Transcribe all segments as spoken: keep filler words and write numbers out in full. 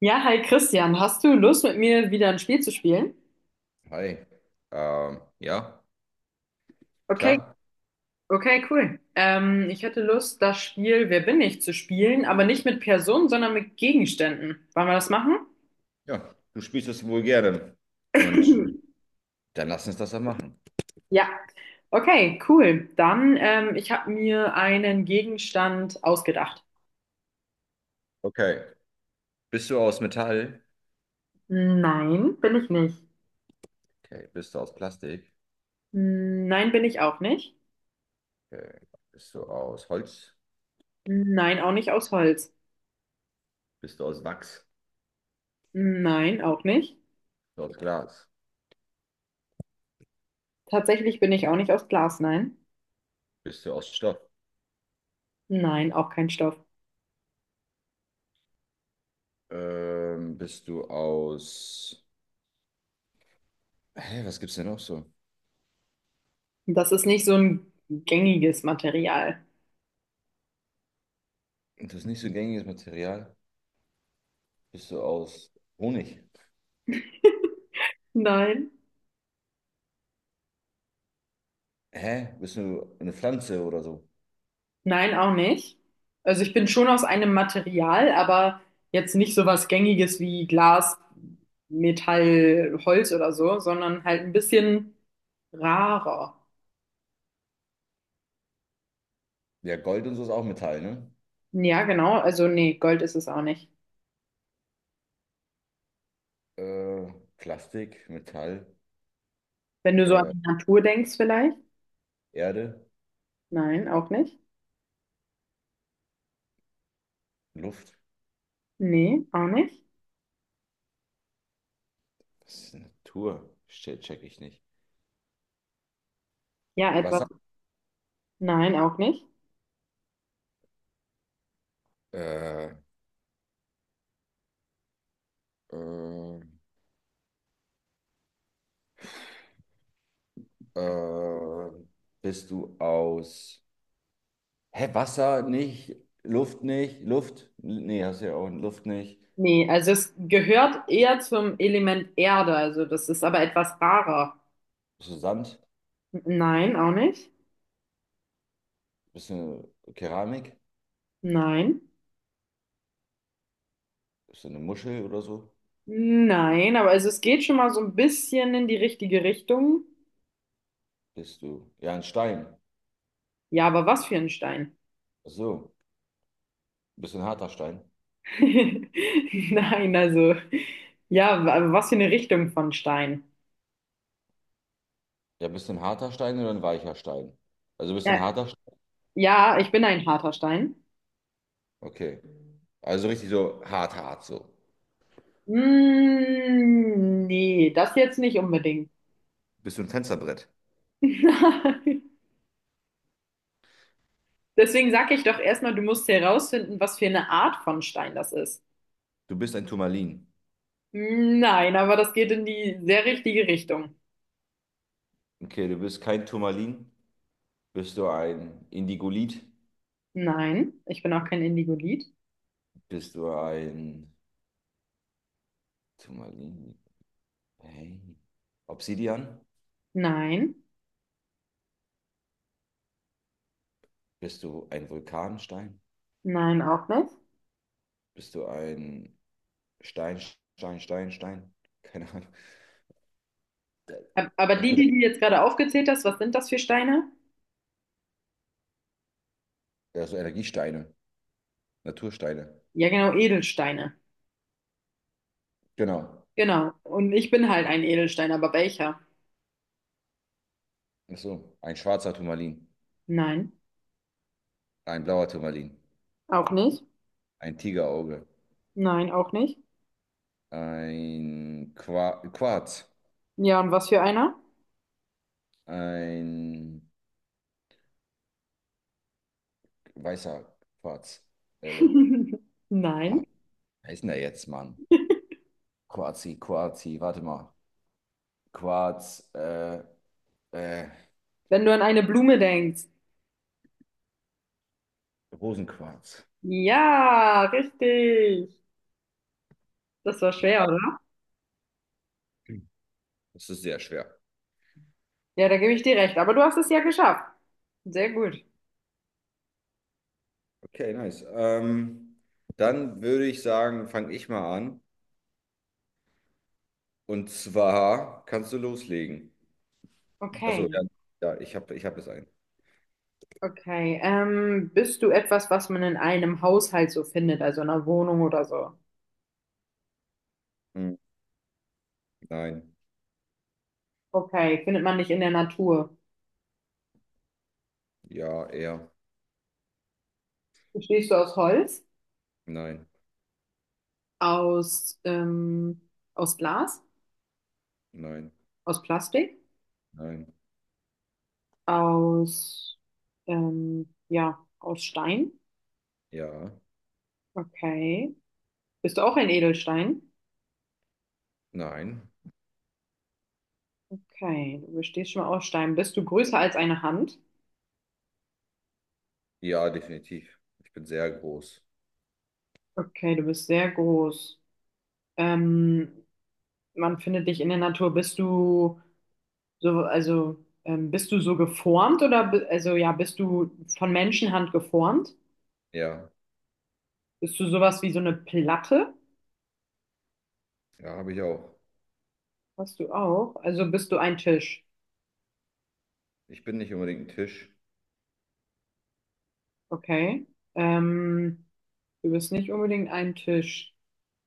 Ja, hi Christian, hast du Lust mit mir wieder ein Spiel zu spielen? Hi. Ähm, ja, Okay, klar. okay, cool. Ähm, ich hätte Lust, das Spiel Wer bin ich zu spielen, aber nicht mit Personen, sondern mit Gegenständen. Wollen wir das machen? Ja, du spielst es wohl gerne. Und dann lass uns das doch machen. Ja, okay, cool. Dann, ähm, ich habe mir einen Gegenstand ausgedacht. Okay. Bist du aus Metall? Nein, bin ich nicht. Okay. Bist du aus Plastik? Nein, bin ich auch nicht. Okay. Bist du aus Holz? Nein, auch nicht aus Holz. Bist du aus Wachs? Nein, auch nicht. Bist du aus Glas? Tatsächlich bin ich auch nicht aus Glas, nein. Bist du aus Stoff? Nein, auch kein Stoff. Ähm, bist du aus... Hä, was gibt's denn noch so? Das ist nicht so ein gängiges Material. Das ist nicht so gängiges Material. Bist du aus Honig? Nein. Hä? Bist du eine Pflanze oder so? Nein, auch nicht. Also ich bin schon aus einem Material, aber jetzt nicht so was Gängiges wie Glas, Metall, Holz oder so, sondern halt ein bisschen rarer. Ja, Gold und so ist auch Metall, ne? Ja, genau. Also nee, Gold ist es auch nicht. Äh, Plastik, Metall, Wenn du so an äh, die Natur denkst vielleicht? Erde, Nein, auch nicht. Luft. Nee, auch nicht. Was ist Natur? Che- Check ich nicht. Ja, Wasser. etwas. Nein, auch nicht. Äh, äh, äh, Bist du aus. Hä, Wasser nicht, Luft nicht, Luft? Nee, hast du ja auch Luft nicht. Nee, also es gehört eher zum Element Erde, also das ist aber etwas rarer. Bist du Sand? Nein, auch nicht. Bist du Keramik? Nein. Bist du eine Muschel oder so? Nein, aber also es geht schon mal so ein bisschen in die richtige Richtung. Bist du. Ja, ein Stein. Ja, aber was für ein Stein? Ach so. Bist du ein harter Stein? Nein, also ja, aber was für eine Richtung von Stein? Ja, bist du ein harter Stein oder ein weicher Stein? Also bist du ein Ja, harter ja, ich bin ein harter Stein. Okay. Also richtig so hart, hart so. Mm, nee, das jetzt nicht unbedingt. Bist du ein Fensterbrett? Nein. Deswegen sage ich doch erstmal, du musst herausfinden, was für eine Art von Stein das ist. Du bist ein Turmalin. Hm, nein, aber das geht in die sehr richtige Richtung. Okay, du bist kein Turmalin. Bist du ein Indigolit? Nein, ich bin auch kein Indigolit. Bist du ein Turmalin? Hey. Obsidian? Nein, Bist du ein Vulkanstein? nein, auch nicht. Bist du ein Stein, Stein, Stein, Stein? Keine Ahnung. Ab- Aber die, Okay, das die du jetzt gerade aufgezählt hast, was sind das für Steine? ja, so Energiesteine, Natursteine. Ja, genau, Edelsteine. Genau. Genau. Und ich bin halt ein Edelstein, aber welcher? Ach so, ein schwarzer Turmalin, Nein, ein blauer Turmalin, auch nicht. ein Tigerauge. Nein, auch nicht. Ein Qua Quarz. Ja, und was für einer? Ein weißer Quarz. Äh, ah, Nein. Wer ist denn der jetzt, Mann? Quarzi, Quarzi, warte mal. Quarz, äh, äh, Wenn du an eine Blume denkst. Rosenquarz. Ja, richtig. Das war schwer, oder? Das ist sehr schwer. Ja, da gebe ich dir recht. Aber du hast es ja geschafft. Sehr gut. Okay, nice. Ähm, dann würde ich sagen, fange ich mal an. Und zwar kannst du loslegen. Achso, Okay. ja, ja, ich habe ich hab es ein. Okay, ähm, bist du etwas, was man in einem Haushalt so findet, also in einer Wohnung oder so? Hm, nein, Okay, findet man nicht in der Natur. ja, er, Bestehst du aus Holz, nein, aus, ähm, aus Glas, nein, aus Plastik, nein, aus, ähm, ja, aus Stein? ja, Okay. Bist du auch ein Edelstein? nein. Okay, du bestehst schon mal aus Stein. Bist du größer als eine Hand? Ja, definitiv. Ich bin sehr groß. Okay, du bist sehr groß. Ähm, man findet dich in der Natur. Bist du so, also ähm, bist du so geformt oder bi- also ja, bist du von Menschenhand geformt? Ja, Bist du sowas wie so eine Platte? ja, habe ich auch. Hast du auch? Also bist du ein Tisch. Ich bin nicht unbedingt ein Tisch. Okay. Ähm, du bist nicht unbedingt ein Tisch.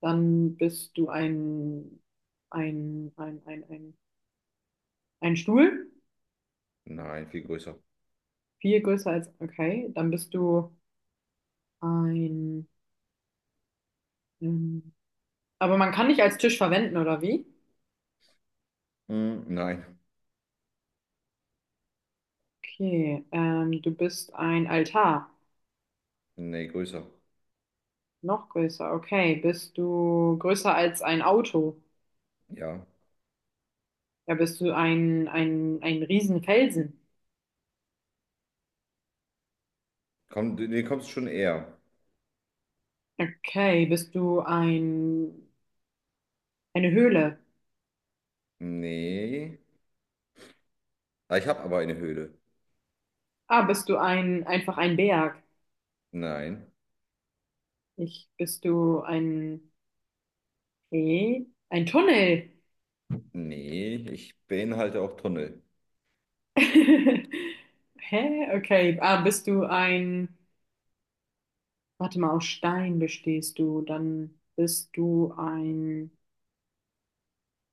Dann bist du ein ein ein ein ein, ein Stuhl. Nein, viel größer. Viel größer als okay. Dann bist du ein ähm, aber man kann dich als Tisch verwenden, oder wie? Hm, nein, Okay. Ähm, du bist ein Altar. nee, größer. Noch größer, okay. Bist du größer als ein Auto? Ja. Ja, bist du ein, ein, ein Riesenfelsen? Komm, du nee, kommst schon eher. Okay, bist du ein, eine Höhle? Nee. Ah, Ich habe aber eine Höhle. Ah, bist du ein, einfach ein Berg? Nein. Ich, bist du ein, eh, ein Tunnel? Nee, ich beinhalte auch Tunnel. Hä? Okay. Ah, bist du ein, warte mal, aus Stein bestehst du, dann bist du ein,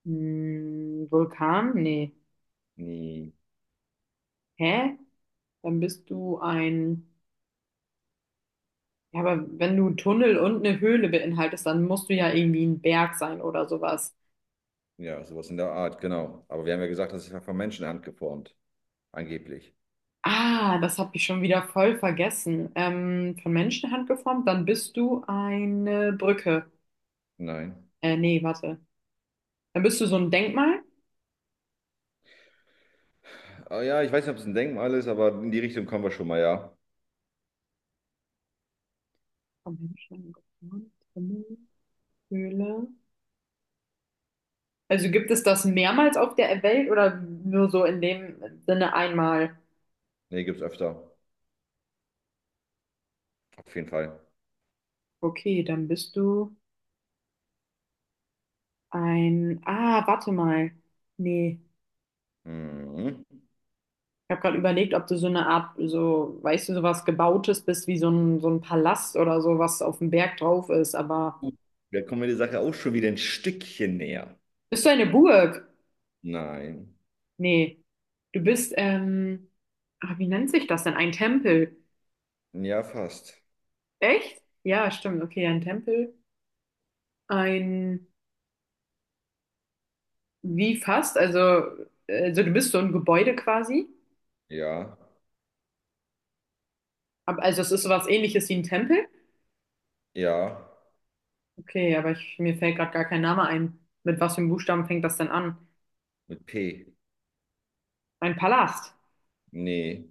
hm, Vulkan? Nee. Nee. Hä? Dann bist du ein, ja, aber wenn du einen Tunnel und eine Höhle beinhaltest, dann musst du ja irgendwie ein Berg sein oder sowas. Ja, sowas in der Art, genau. Aber wir haben ja gesagt, das ist ja von Menschenhand geformt. Angeblich. Ah, das habe ich schon wieder voll vergessen. Ähm, von Menschenhand geformt, dann bist du eine Brücke. Nein. Äh, nee, warte. Dann bist du so ein Denkmal. Ah, ja, ich weiß nicht, ob es ein Denkmal ist, aber in die Richtung kommen wir schon mal, ja. Von Menschenhand geformt, Tunnel, Höhle. Also gibt es das mehrmals auf der Welt oder nur so in dem Sinne einmal? Nee, gibt's öfter. Auf jeden Fall. Okay, dann bist du ein. Ah, warte mal. Nee. Mhm. Gut, Ich habe gerade überlegt, ob du so eine Art, so, weißt du, sowas Gebautes bist, wie so ein, so ein Palast oder so, was auf dem Berg drauf ist. Aber da kommen wir der Sache auch schon wieder ein Stückchen näher. bist du eine Burg? Nein. Nee. Du bist, ähm, ah, wie nennt sich das denn? Ein Tempel. Ja, fast. Echt? Ja, stimmt. Okay, ein Tempel. Ein, wie fast? Also, äh, also du bist so ein Gebäude quasi. Ja. Ab- Also es ist sowas ähnliches wie ein Tempel. Ja. Okay, aber ich, mir fällt gerade gar kein Name ein. Mit was für einem Buchstaben fängt das denn an? Mit P. Ein Palast. Nee.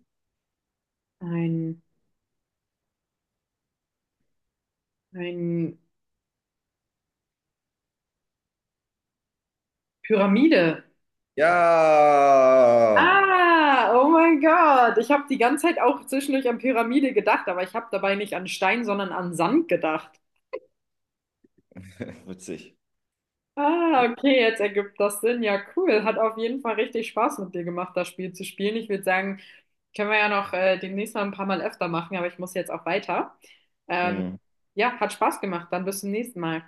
Ein, ein Pyramide. Ja! Ah, oh mein Gott. Ich habe die ganze Zeit auch zwischendurch an Pyramide gedacht, aber ich habe dabei nicht an Stein, sondern an Sand gedacht. Witzig. Ah, okay, jetzt ergibt das Sinn. Ja, cool. Hat auf jeden Fall richtig Spaß mit dir gemacht, das Spiel zu spielen. Ich würde sagen, können wir ja noch äh, demnächst mal ein paar Mal öfter machen, aber ich muss jetzt auch weiter. Ähm, Hm. ja, hat Spaß gemacht. Dann bis zum nächsten Mal.